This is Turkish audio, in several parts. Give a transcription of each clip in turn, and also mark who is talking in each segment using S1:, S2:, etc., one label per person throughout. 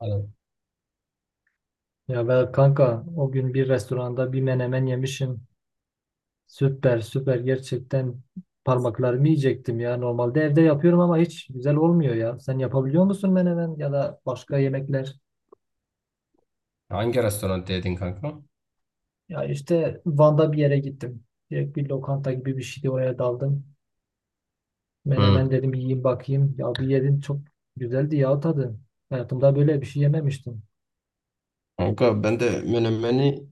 S1: Aynen.
S2: Ya ben kanka o gün bir restoranda bir menemen yemişim. Süper süper gerçekten parmaklarımı yiyecektim ya. Normalde evde yapıyorum ama hiç güzel olmuyor ya. Sen yapabiliyor musun menemen ya da başka yemekler?
S1: Hangi restoran dedin kanka?
S2: Ya işte Van'da bir yere gittim. Direkt bir lokanta gibi bir şeydi oraya daldım.
S1: Hı.
S2: Menemen dedim yiyeyim bakayım. Ya bir yedim çok güzeldi ya tadı. Hayatımda böyle bir şey yememiştim.
S1: Kanka ben de menemeni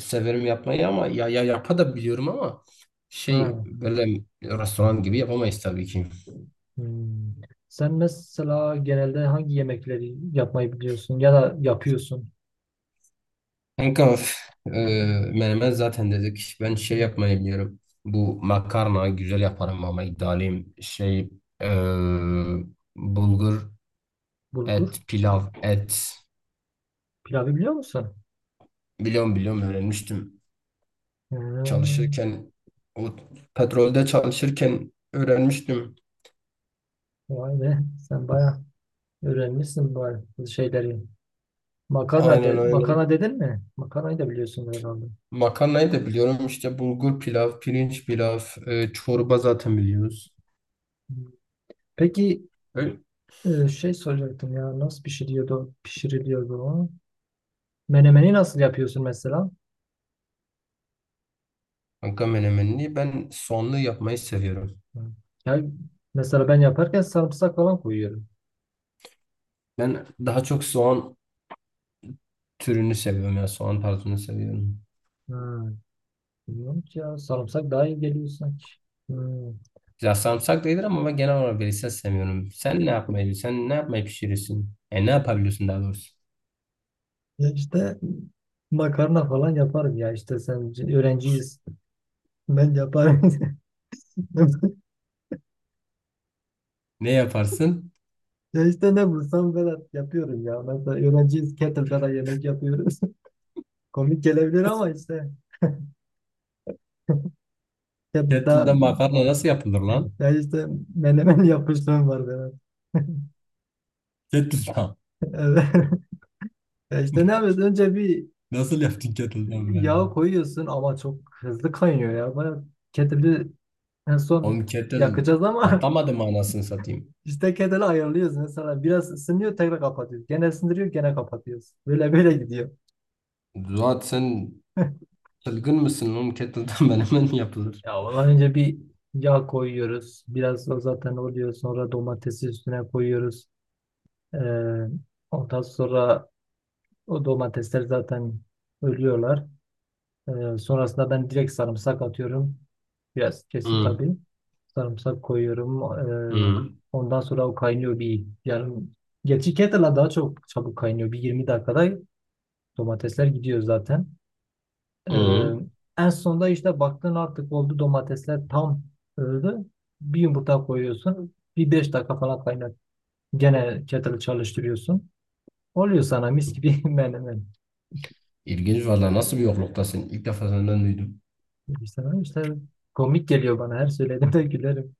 S1: severim yapmayı ama ya yapa da biliyorum ama şey
S2: Ha.
S1: böyle restoran gibi yapamayız tabii ki.
S2: Hmm. Sen mesela genelde hangi yemekleri yapmayı biliyorsun ya da yapıyorsun?
S1: Kanka üf, e, menemen zaten dedik. Ben şey yapmayı biliyorum. Bu makarna güzel yaparım ama iddialıyım. Şey e, bulgur,
S2: Bulgur
S1: et, pilav, et.
S2: pilavı biliyor musun?
S1: Biliyorum, biliyorum, öğrenmiştim.
S2: Hmm,
S1: Çalışırken o petrolde çalışırken öğrenmiştim.
S2: vay be sen bayağı öğrenmişsin bu şeyleri. Makarna,
S1: Aynen,
S2: de,
S1: aynen.
S2: makarna dedin mi? Makarnayı da biliyorsun herhalde.
S1: Makarnayı da biliyorum. İşte bulgur pilav, pirinç pilav, çorba zaten biliyoruz.
S2: Hmm. Peki
S1: Öyle.
S2: şey soracaktım ya nasıl pişiriliyordu o? Menemeni nasıl yapıyorsun mesela?
S1: Kanka menemenini ben soğanlı yapmayı seviyorum.
S2: Hmm. Ya, mesela ben yaparken sarımsak falan koyuyorum.
S1: Ben daha çok soğan türünü seviyorum ya. Soğan tarzını seviyorum.
S2: Hmm. Bilmiyorum ki ya sarımsak daha iyi geliyor sanki. Hmm.
S1: Ya sarımsak da iyidir ama ben genel olarak verirsen sevmiyorum. Sen ne yapmayı pişirirsin? E ne yapabiliyorsun daha doğrusu?
S2: Ya işte makarna falan yaparım ya işte sen öğrenciyiz. Ben yaparım.
S1: Ne yaparsın?
S2: Ya işte ne bulsam Vedat yapıyorum ya. Mesela öğrenciyiz Kettle'da da yemek yapıyoruz. Komik gelebilir ama işte Kettle'da
S1: Kettle'da makarna nasıl yapılır lan?
S2: ya işte menemen yapmışlığım var Vedat.
S1: Kettle'da.
S2: Evet. Ya işte ne yapıyorsun? Önce bir
S1: Nasıl yaptın kettle'dan
S2: yağ
S1: menemen?
S2: koyuyorsun ama çok hızlı kaynıyor ya. Bana Kettle'ı en son
S1: Oğlum kettle
S2: yakacağız ama
S1: patlamadı mı anasını satayım?
S2: işte Kettle'ı ayarlıyoruz. Mesela biraz ısınıyor tekrar kapatıyoruz. Gene ısındırıyor gene kapatıyoruz. Böyle böyle gidiyor.
S1: Zuhat sen çılgın mısın oğlum? Kettle'dan menemen mi yapılır?
S2: Ya ondan önce bir yağ koyuyoruz. Biraz da zaten oluyor. Sonra domatesi üstüne koyuyoruz. Ee, ondan sonra o domatesler zaten ölüyorlar. Sonrasında ben direkt sarımsak atıyorum. Biraz kesip
S1: Hı.
S2: tabii. Sarımsak koyuyorum. Ee,
S1: Hı.
S2: ondan sonra o kaynıyor bir yarım. Gerçi kettle'la daha çok çabuk kaynıyor. Bir 20 dakikada domatesler gidiyor zaten. Ee,
S1: Hı.
S2: en sonunda işte baktın artık oldu domatesler tam öldü. Bir yumurta koyuyorsun. Bir beş dakika falan kaynat. Gene kettle çalıştırıyorsun. Oluyor sana mis gibi menemen.
S1: İlginç valla, nasıl bir yokluktasın? İlk defa senden duydum.
S2: İşte, işte komik geliyor bana. Her söylediğimde gülerim.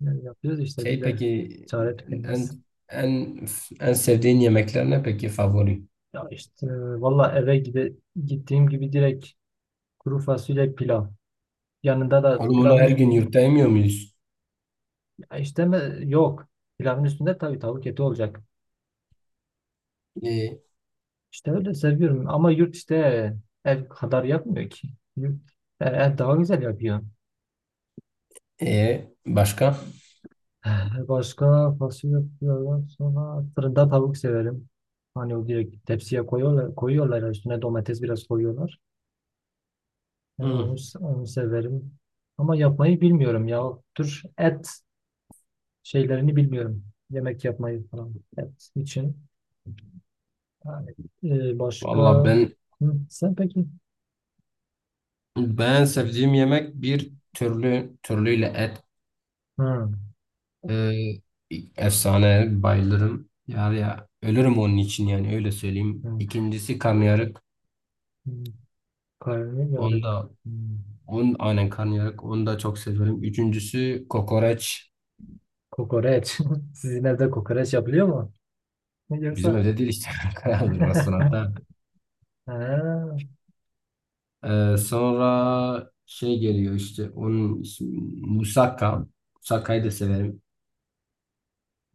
S2: Yani yapıyoruz işte bir
S1: Şey
S2: de
S1: peki,
S2: çare
S1: en
S2: tükenmez.
S1: en en sevdiğin yemekler ne peki favori?
S2: Ya işte valla gittiğim gibi direkt kuru fasulye pilav. Yanında da
S1: Oğlum onu
S2: pilavın
S1: her gün
S2: üstünde.
S1: yurtta yemiyor muyuz?
S2: Ya işte mi? Yok. Pilavın üstünde tabii tavuk eti olacak.
S1: E,
S2: İşte öyle seviyorum ama yurt işte ev kadar yapmıyor ki. Yurt, ev daha güzel yapıyor.
S1: e başka?
S2: Başka fasulye yapıyorlar. Sonra fırında tavuk severim. Hani o direkt tepsiye koyuyorlar, koyuyorlar üstüne domates biraz koyuyorlar. Yani
S1: Hı.
S2: onu severim. Ama yapmayı bilmiyorum ya. O tür et şeylerini bilmiyorum. Yemek yapmayı falan et için. Yani, başka
S1: Valla ben
S2: Hı, sen peki?
S1: ben sevdiğim yemek bir türlü, türlüyle et.
S2: Hı,
S1: Ee, efsane bayılırım. Ya, ya, ölürüm onun için yani öyle söyleyeyim.
S2: hı,
S1: İkincisi karnıyarık.
S2: hı.
S1: Onu
S2: Karnıyarık.
S1: da
S2: Hı.
S1: on aynen karnıyarık. Onu da çok severim. Üçüncüsü kokoreç.
S2: Kokoreç. Sizin evde kokoreç yapılıyor mu?
S1: Bizim
S2: Yoksa
S1: evde değil işte. Kraldır restoranda.
S2: ha,
S1: Sonra şey geliyor, işte onun ismi musakka. Musakka'yı da severim.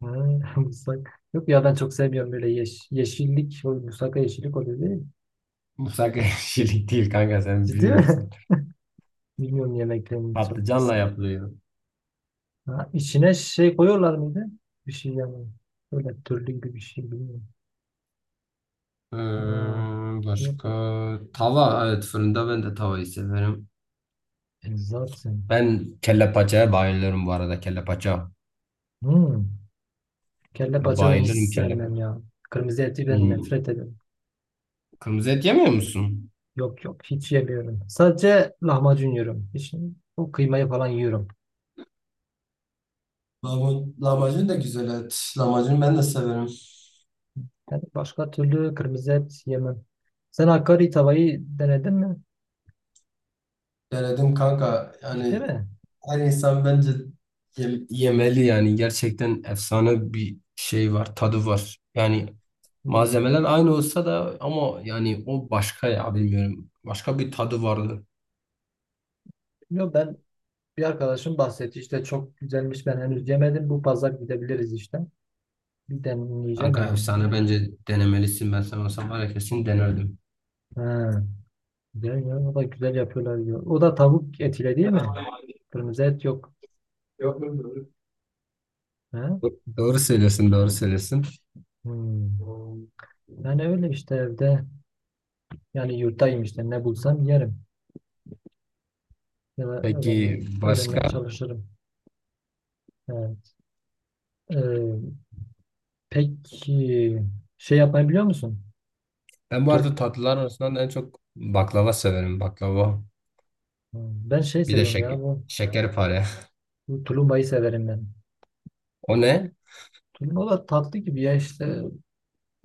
S2: ha, musak. Yok ya ben çok sevmiyorum böyle yeşillik. O musaka yeşillik oluyor değil mi?
S1: Musakka şeylik değil kanka, sen
S2: Ciddi mi?
S1: bilmiyorsun.
S2: Bilmiyorum yemeklerini çok.
S1: Patlıcanla yapılıyor.
S2: Ha, içine şey koyuyorlar mıydı? Bir şey yani. Böyle türlü gibi bir şey bilmiyorum.
S1: Ee,
S2: Ha, yok.
S1: başka tava, evet fırında, ben de tavayı severim.
S2: E, zaten.
S1: Ben kelle paçaya bayılıyorum bu arada. Kelle paça.
S2: Hmm. Kelle paça ben hiç
S1: Bayılırım kelle
S2: sevmem
S1: paça.
S2: ya. Kırmızı eti ben
S1: Hmm.
S2: nefret ederim.
S1: Kırmızı et yemiyor musun?
S2: Yok yok hiç yemiyorum. Sadece lahmacun yiyorum. Hiç o kıymayı falan yiyorum.
S1: Lahmacun, lahmacun, da güzel et. Lahmacun ben de severim.
S2: Yani başka türlü kırmızı et yemem. Sen Hakkari tavayı denedin mi?
S1: Denedim kanka.
S2: Ciddi
S1: Yani
S2: mi?
S1: her insan bence yemeli yani. Gerçekten efsane bir şey var. Tadı var. Yani
S2: Hmm.
S1: malzemeler aynı olsa da, ama yani o başka ya, bilmiyorum. Başka bir tadı vardı.
S2: Yok ben bir arkadaşım bahsetti işte çok güzelmiş ben henüz yemedim. Bu pazar gidebiliriz işte. Bir deneyeceğim
S1: Kanka
S2: herhalde.
S1: efsane, bence denemelisin. Ben sana olsam var ya kesin denerdim.
S2: Ha, güzel ya, o da güzel yapıyorlar diyor. O da tavuk etiyle değil mi? Kırmızı et yok.
S1: Yok mu?
S2: Ha?
S1: Doğru söylüyorsun, doğru söylüyorsun.
S2: Hmm. Yani öyle işte evde yani yurttayım işte ne bulsam yerim. Ya da
S1: Peki
S2: öğrenmeye
S1: başka?
S2: çalışırım. Evet. Ee, peki şey yapmayı biliyor musun?
S1: Ben bu arada
S2: Tur-
S1: tatlılar arasından en çok baklava severim. Baklava.
S2: ben şey
S1: Bir de
S2: seviyorum ya
S1: şekerpare.
S2: bu tulumbayı severim ben.
S1: O ne?
S2: Tulumba da tatlı gibi ya işte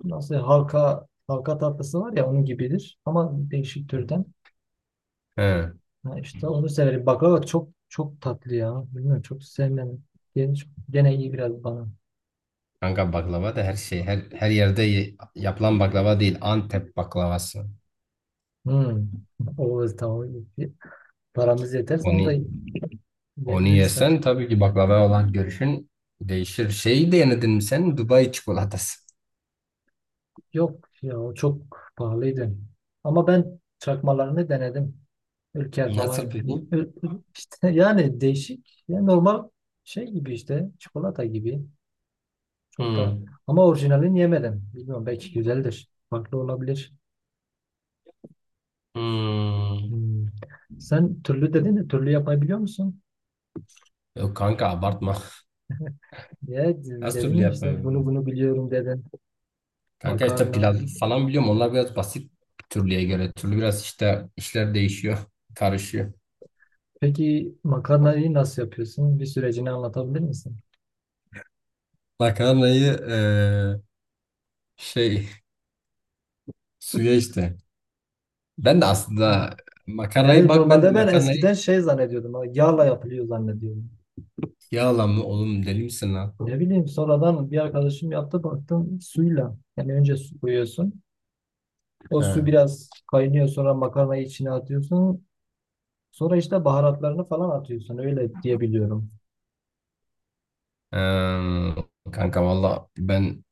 S2: nasıl halka halka tatlısı var ya onun gibidir ama değişik türden.
S1: He.
S2: Ha işte onu severim. Baklava çok çok tatlı ya. Bilmiyorum çok sevmem. Gene iyi biraz bana.
S1: Kanka baklava da her şey, her yerde yapılan baklava değil. Antep baklavası.
S2: Hmm. O tamam. Paramız yeterse onu da
S1: Onu, onu
S2: yiyebiliriz.
S1: yesen tabii ki baklava olan görüşün değişir. Şeyi de denedin mi sen? Dubai çikolatası.
S2: Yok ya o çok pahalıydı. Ama ben çakmalarını denedim. Ülker
S1: Nasıl
S2: falan.
S1: peki?
S2: İşte yani değişik. Ya normal şey gibi işte. Çikolata gibi. Çok da
S1: Hmm.
S2: ama orijinalini yemedim. Bilmiyorum belki güzeldir. Farklı olabilir.
S1: Hmm.
S2: Hmm. Sen türlü dedin de türlü yapabiliyor musun?
S1: Yok kanka abartma.
S2: Ya
S1: Nasıl türlü
S2: dedim işte
S1: yapmayı?
S2: bunu biliyorum dedin.
S1: Kanka işte
S2: Makarna.
S1: pilavı falan biliyorum. Onlar biraz basit türlüye göre. Türlü biraz işte işler değişiyor. Karışıyor.
S2: Peki makarnayı nasıl yapıyorsun? Bir sürecini anlatabilir misin?
S1: Makarnayı şey, suya işte. Ben de aslında makarnayı
S2: Yani
S1: bak ben de
S2: normalde ben
S1: makarnayı
S2: eskiden şey zannediyordum. Ha, yağla yapılıyor zannediyordum.
S1: yağla mı oğlum, deli misin lan?
S2: Ne bileyim sonradan bir arkadaşım yaptı baktım suyla. Yani önce su koyuyorsun. O su
S1: Ha.
S2: biraz kaynıyor sonra makarnayı içine atıyorsun. Sonra işte baharatlarını falan atıyorsun. Öyle diyebiliyorum.
S1: Eee, kanka valla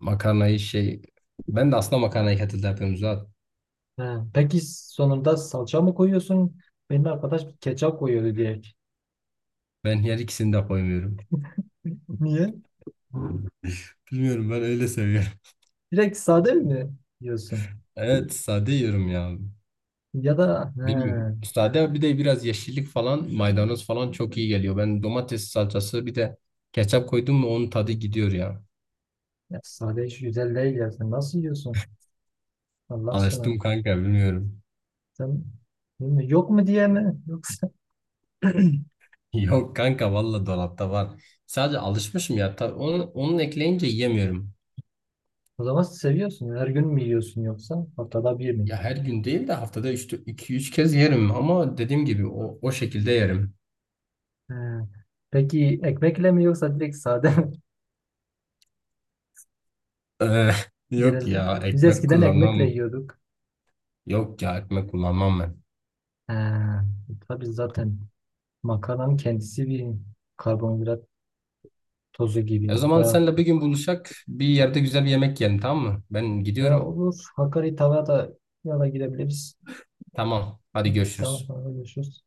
S1: makarnayı şey ben de aslında makarnayı kettle'da yapıyorum zaten.
S2: He. Peki sonunda salça mı koyuyorsun? Benim arkadaş ketçap koyuyordu direkt.
S1: Ben her ikisini de koymuyorum.
S2: Niye?
S1: Bilmiyorum, ben öyle seviyorum.
S2: Direkt sade mi yiyorsun?
S1: Evet sade yiyorum ya.
S2: Ya da
S1: Bilmiyorum.
S2: he,
S1: Sade bir de biraz yeşillik falan, maydanoz falan çok iyi geliyor. Ben domates salçası bir de ketçap koydum mu onun tadı gidiyor ya.
S2: ya sade hiç güzel değil ya. Sen nasıl yiyorsun? Allah aşkına.
S1: Alıştım kanka, bilmiyorum.
S2: Sen değil mi? Yok mu diye mi? Yoksa
S1: Yok kanka valla dolapta var. Sadece alışmışım ya. Onun ekleyince yiyemiyorum.
S2: o zaman seviyorsun. Her gün mü yiyorsun yoksa haftada bir mi?
S1: Ya her gün değil de haftada 2-3 kez yerim, ama dediğim gibi o şekilde yerim.
S2: He. Peki ekmekle mi yoksa direkt sade mi
S1: Eh, yok ya,
S2: genelde? Biz
S1: ekmek
S2: eskiden
S1: kullanmam.
S2: ekmekle yiyorduk.
S1: Yok ya, ekmek kullanmam ben.
S2: He. Tabii zaten makarnanın kendisi bir karbonhidrat tozu
S1: E
S2: gibi.
S1: o zaman
S2: Bayağı.
S1: senle bir gün buluşak bir yerde güzel bir yemek yiyelim, tamam mı? Ben
S2: He,
S1: gidiyorum.
S2: olur. Hakkari tavaya da ya da gidebiliriz.
S1: Tamam. Hadi
S2: Evet, tamam.
S1: görüşürüz.
S2: Tamam. Görüşürüz.